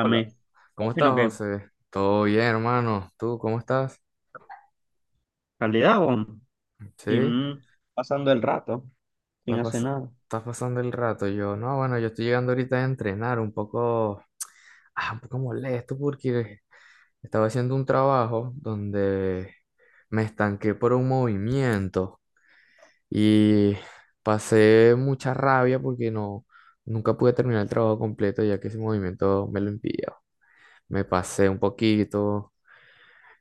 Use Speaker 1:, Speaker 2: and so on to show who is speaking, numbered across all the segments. Speaker 1: Hola, ¿cómo estás,
Speaker 2: sino que
Speaker 1: José? Todo bien, hermano. ¿Tú cómo estás?
Speaker 2: calidad, weón.
Speaker 1: Sí, estás,
Speaker 2: ¿Quién pasando el rato? ¿Quién hace
Speaker 1: pas-
Speaker 2: nada?
Speaker 1: estás pasando el rato. Yo, no, bueno, yo estoy llegando ahorita a entrenar un poco, un poco molesto porque estaba haciendo un trabajo donde me estanqué por un movimiento y pasé mucha rabia porque no, nunca pude terminar el trabajo completo ya que ese movimiento me lo impidió. Me pasé un poquito.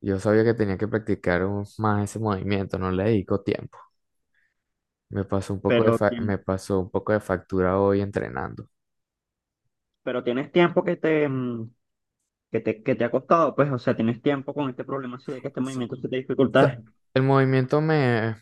Speaker 1: Yo sabía que tenía que practicar más ese movimiento, no le dedico tiempo.
Speaker 2: Pero,
Speaker 1: Me pasó un poco de factura hoy entrenando.
Speaker 2: pero tienes tiempo que te, que te ha costado, pues, o sea, tienes tiempo con este problema así de que este
Speaker 1: S-
Speaker 2: movimiento se te dificulta.
Speaker 1: sa- el movimiento me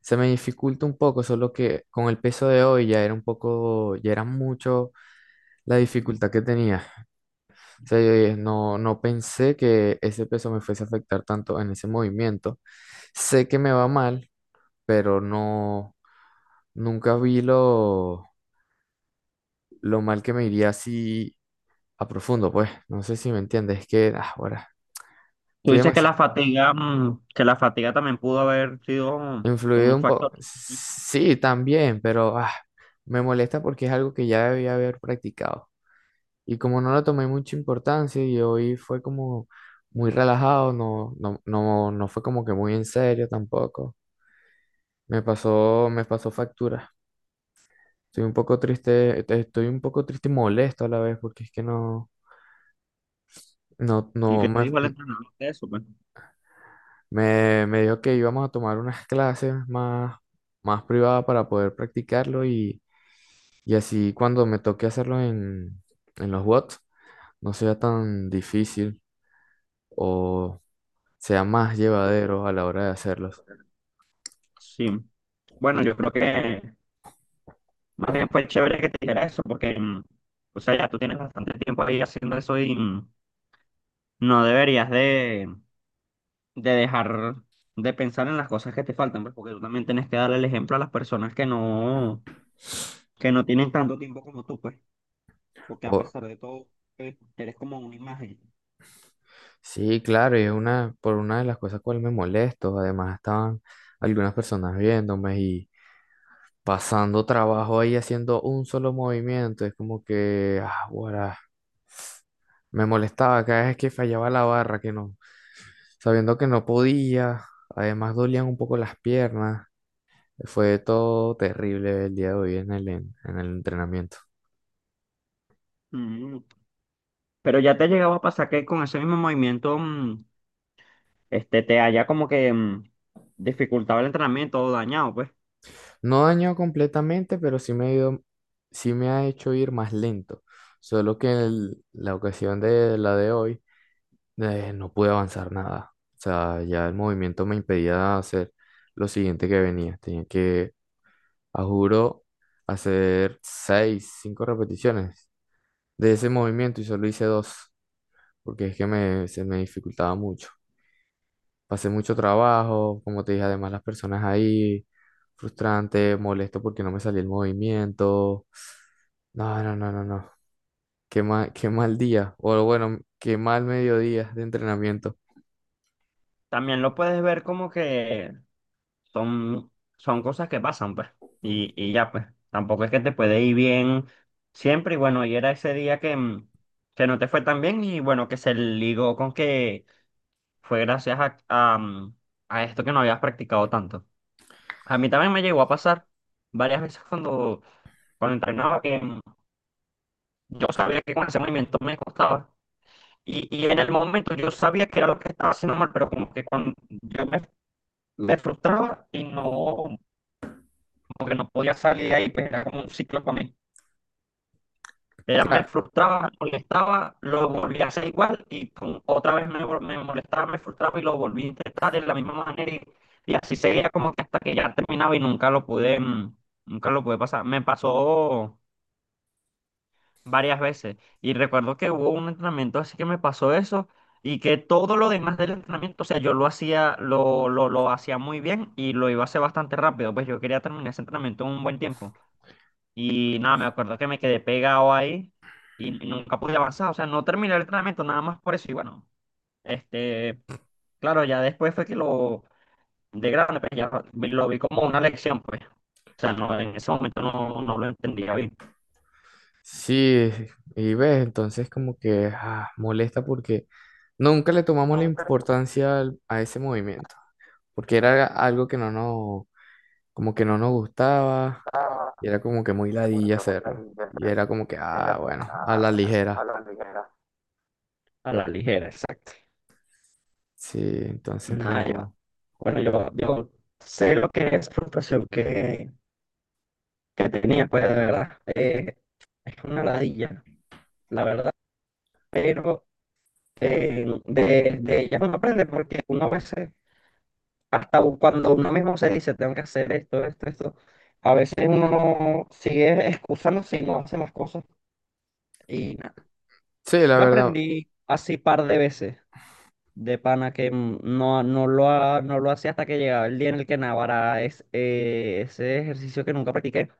Speaker 1: Se me dificulta un poco, solo que con el peso de hoy ya era un poco, ya era mucho la dificultad que tenía. O sea, yo dije, no, no pensé que ese peso me fuese a afectar tanto en ese movimiento. Sé que me va mal, pero no, nunca vi lo mal que me iría si a profundo, pues. No sé si me entiendes, es que ahora
Speaker 2: Tú
Speaker 1: estoy
Speaker 2: dices que
Speaker 1: demasiado
Speaker 2: la fatiga, que la fatiga también pudo haber sido como
Speaker 1: influido
Speaker 2: un
Speaker 1: un poco.
Speaker 2: factor.
Speaker 1: Sí, también, pero me molesta porque es algo que ya debía haber practicado. Y como no lo tomé mucha importancia y hoy fue como muy relajado, no, no, no, no fue como que muy en serio tampoco. Me pasó factura. Estoy un poco triste, estoy un poco triste y molesto a la vez porque es que no, no,
Speaker 2: ¿Y
Speaker 1: no
Speaker 2: qué te
Speaker 1: me.
Speaker 2: dijo el entrenador de eso, pues?
Speaker 1: Me dijo que íbamos a tomar unas clases más, más privadas para poder practicarlo y así cuando me toque hacerlo en los bots no sea tan difícil o sea más llevadero a la hora de hacerlos.
Speaker 2: Sí. Bueno, yo creo que más bien fue chévere que te dijera eso, porque, o sea, ya tú tienes bastante tiempo ahí haciendo eso y no deberías de dejar de pensar en las cosas que te faltan, pues, porque tú también tienes que darle el ejemplo a las personas que no tienen tanto tiempo como tú, pues, porque a
Speaker 1: O-
Speaker 2: pesar de todo, eres como una imagen.
Speaker 1: sí, claro, y es una, por una de las cosas cual me molesto. Además estaban algunas personas viéndome pasando trabajo ahí haciendo un solo movimiento. Es como que, ah, guará, me molestaba cada vez que fallaba la barra, que no, sabiendo que no podía. Además dolían un poco las piernas. Fue todo terrible el día de hoy en en el entrenamiento.
Speaker 2: Mm. Pero ya te ha llegado a pasar que con ese mismo movimiento, este, te haya como que dificultado el entrenamiento o dañado, pues.
Speaker 1: No dañó completamente, pero sí me ha hecho ir más lento. Solo que la ocasión de la de hoy. Eh, no pude avanzar nada. O sea, ya el movimiento me impedía hacer lo siguiente que venía. Tenía que, a juro, hacer seis, cinco repeticiones de ese movimiento y solo hice dos, porque es que se me dificultaba mucho. Pasé mucho trabajo, como te dije, además las personas ahí, frustrante, molesto porque no me salía el movimiento. No, no, no, no, no. Qué mal día. O bueno, qué mal mediodía de entrenamiento.
Speaker 2: También lo puedes ver como que son, son cosas que pasan, pues. Y ya, pues, tampoco es que te puede ir bien siempre. Y bueno, y era ese día que, que no te fue tan bien y bueno, que se ligó con que fue gracias a, a esto que no habías practicado tanto. A mí también me llegó a pasar varias veces cuando, cuando entrenaba que yo sabía que con ese movimiento me costaba. Y en el momento yo sabía que era lo que estaba haciendo mal, pero como que cuando me frustraba y no, como que no podía salir de ahí, pues era como un ciclo para mí. Era, me
Speaker 1: Cla-
Speaker 2: frustraba, me molestaba, lo volví a hacer igual y otra vez me molestaba, me frustraba y lo volví a intentar de la misma manera y así seguía como que hasta que ya terminaba y nunca lo pude, nunca lo pude pasar. Me pasó varias veces y recuerdo que hubo un entrenamiento así que me pasó eso y que todo lo demás del entrenamiento, o sea, yo lo hacía, lo hacía muy bien y lo iba a hacer bastante rápido, pues yo quería terminar ese entrenamiento en un buen tiempo. Y nada, me acuerdo que me quedé pegado ahí y nunca pude avanzar, o sea, no terminé el entrenamiento nada más por eso. Y bueno, este, claro, ya después fue que lo, de grande, pues ya lo vi como una lección, pues. O sea, no, en ese momento no, no lo entendía bien.
Speaker 1: Sí, y ves, entonces como que ah, molesta porque nunca le tomamos la importancia a ese movimiento, porque era algo que no nos, como que no nos gustaba,
Speaker 2: Ah,
Speaker 1: y era como que muy ladilla
Speaker 2: qué bonita
Speaker 1: hacerlo, y era como que,
Speaker 2: y era
Speaker 1: ah,
Speaker 2: como que,
Speaker 1: bueno, a
Speaker 2: ah,
Speaker 1: la
Speaker 2: bueno,
Speaker 1: ligera.
Speaker 2: hablando y era. A la ligera, exacto.
Speaker 1: Sí, entonces
Speaker 2: Nada, yo,
Speaker 1: no.
Speaker 2: bueno, yo sé lo que es frustración que tenía, pues de verdad. Es una ladilla, la verdad. Pero de ellas uno aprende porque uno a veces, hasta cuando uno mismo se dice, tengo que hacer esto, esto, esto, a veces uno sigue excusándose y no hace las cosas y nada.
Speaker 1: Sí, la
Speaker 2: Yo
Speaker 1: verdad,
Speaker 2: aprendí así par de veces. De pana que no, no lo hacía hasta que llegaba el día en el que Navarra es, ese ejercicio que nunca practiqué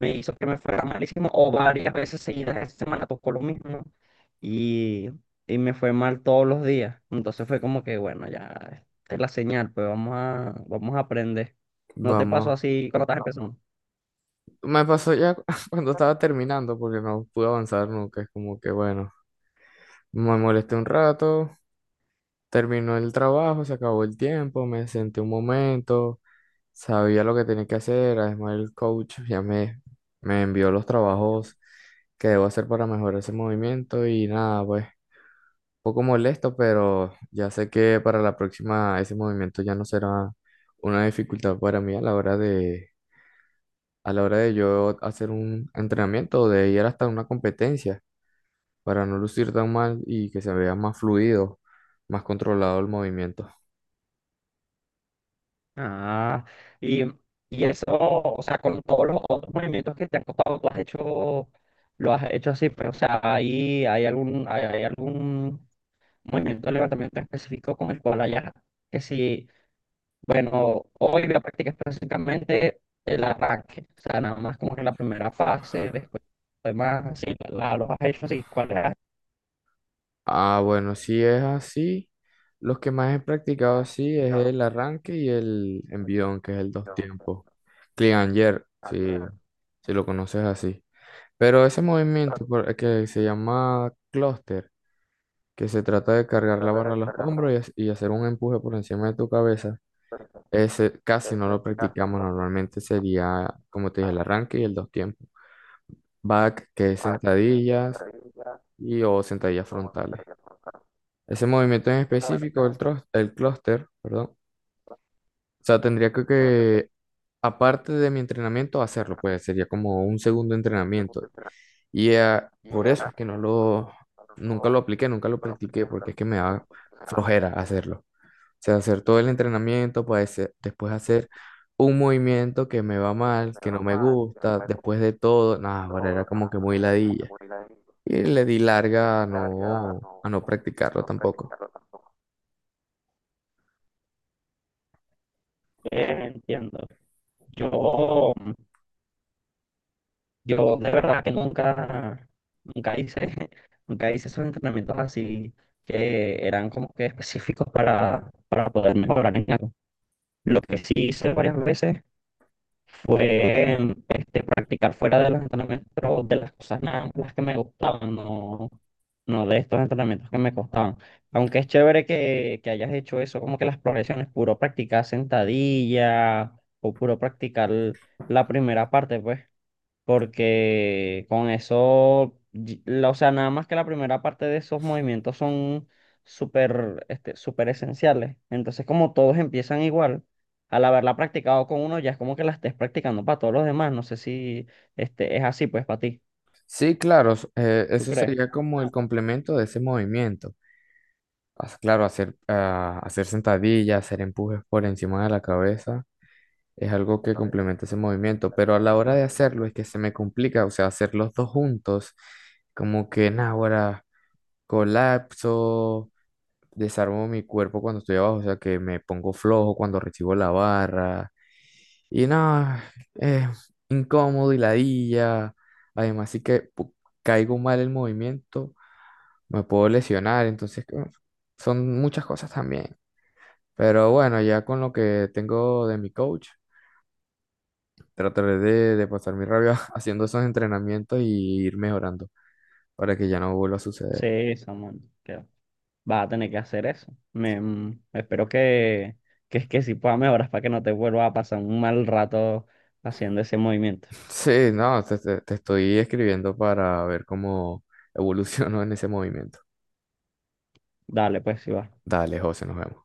Speaker 2: me hizo que me fuera malísimo o varias veces seguidas esa semana tocó lo mismo y, y me fue mal todos los días. Entonces fue como que bueno, ya esta es la señal, pues vamos a, vamos a aprender. ¿No te pasó
Speaker 1: vamos.
Speaker 2: así cuando estás empezando?
Speaker 1: Me pasó ya cu- cuando estaba terminando porque no pude avanzar nunca, es como que, bueno, me molesté un rato, terminó el trabajo, se acabó el tiempo, me senté un momento. Sabía lo que tenía que hacer, además el coach ya me envió los trabajos que debo hacer para mejorar ese movimiento y nada, pues un poco molesto, pero ya sé que para la próxima ese movimiento ya no será una dificultad para mí a la hora de, a la hora de yo hacer un entrenamiento o de ir hasta una competencia para no lucir tan mal y que se vea más fluido, más controlado el movimiento.
Speaker 2: Ah, y, y eso, o sea, con todos los otros movimientos que te han costado, tú has hecho, lo has hecho así, pero, o sea, ahí hay algún, hay algún movimiento de levantamiento específico con el cual hayas, que si, bueno, hoy voy a practicar específicamente el arranque, o sea, nada más como que la primera fase, después demás, así, los has hecho así, ¿cuál es?
Speaker 1: Ah, bueno, si es así, los que más he practicado así es el arranque y el envión, que es el dos tiempos. Cleanger, si, si lo conoces así. Pero ese movimiento que se llama cluster, que se trata de cargar la barra a los hombros y, y hacer un empuje por encima de tu cabeza, ese casi no lo practicamos. Normalmente sería, como te dije, el arranque y el dos tiempos. Back, que es sentadillas y o sentadillas frontales. Ese movimiento en específico, el clúster, perdón. O sea, tendría que, aparte de mi entrenamiento, hacerlo, pues sería como un segundo entrenamiento. Y por eso es que no lo, nunca lo apliqué, nunca lo practiqué, porque es que me da flojera hacerlo. O sea, hacer todo el entrenamiento, pues después hacer un movimiento que me va mal, que no me gusta, después de todo, nada, ahora era como que muy ladilla. Y le di larga a no practicarlo tampoco.
Speaker 2: Entiendo. Yo. Yo de verdad que nunca, nunca hice, nunca hice esos entrenamientos así que eran como que específicos para poder mejorar en algo. Lo que sí hice varias veces fue este, practicar fuera de los entrenamientos de las cosas nada, las que me gustaban, no, no de estos entrenamientos que me costaban. Aunque es chévere que hayas hecho eso, como que las progresiones, puro practicar sentadilla o puro practicar la primera parte, pues porque con eso, o sea, nada más que la primera parte de esos movimientos son súper, este, súper esenciales. Entonces, como todos empiezan igual, al haberla practicado con uno, ya es como que la estés practicando para todos los demás. No sé si este, es así, pues, para ti.
Speaker 1: Sí, claro,
Speaker 2: ¿Tú
Speaker 1: eso
Speaker 2: crees?
Speaker 1: sería como el complemento de ese movimiento. Claro, hacer, hacer sentadillas, hacer empujes por encima de la cabeza es algo que complementa ese movimiento, pero a la hora de hacerlo es que se me complica, o sea, hacer los dos juntos, como que, ahora colapso, desarmo mi cuerpo cuando estoy abajo, o sea que me pongo flojo cuando recibo la barra. Y no, es incómodo y ladilla. Además, caigo mal el movimiento, me puedo lesionar, entonces son muchas cosas también. Pero bueno, ya con lo que tengo de mi coach, trataré de pasar mi rabia haciendo esos entrenamientos y ir mejorando para que ya no vuelva a suceder.
Speaker 2: Sí, Samuel, que vas a tener que hacer eso. Espero que, que sí pueda mejorar para que no te vuelva a pasar un mal rato haciendo ese movimiento.
Speaker 1: Sí, no, te estoy escribiendo para ver cómo evolucionó en ese movimiento.
Speaker 2: Dale, pues, si va.
Speaker 1: Dale, José, nos vemos.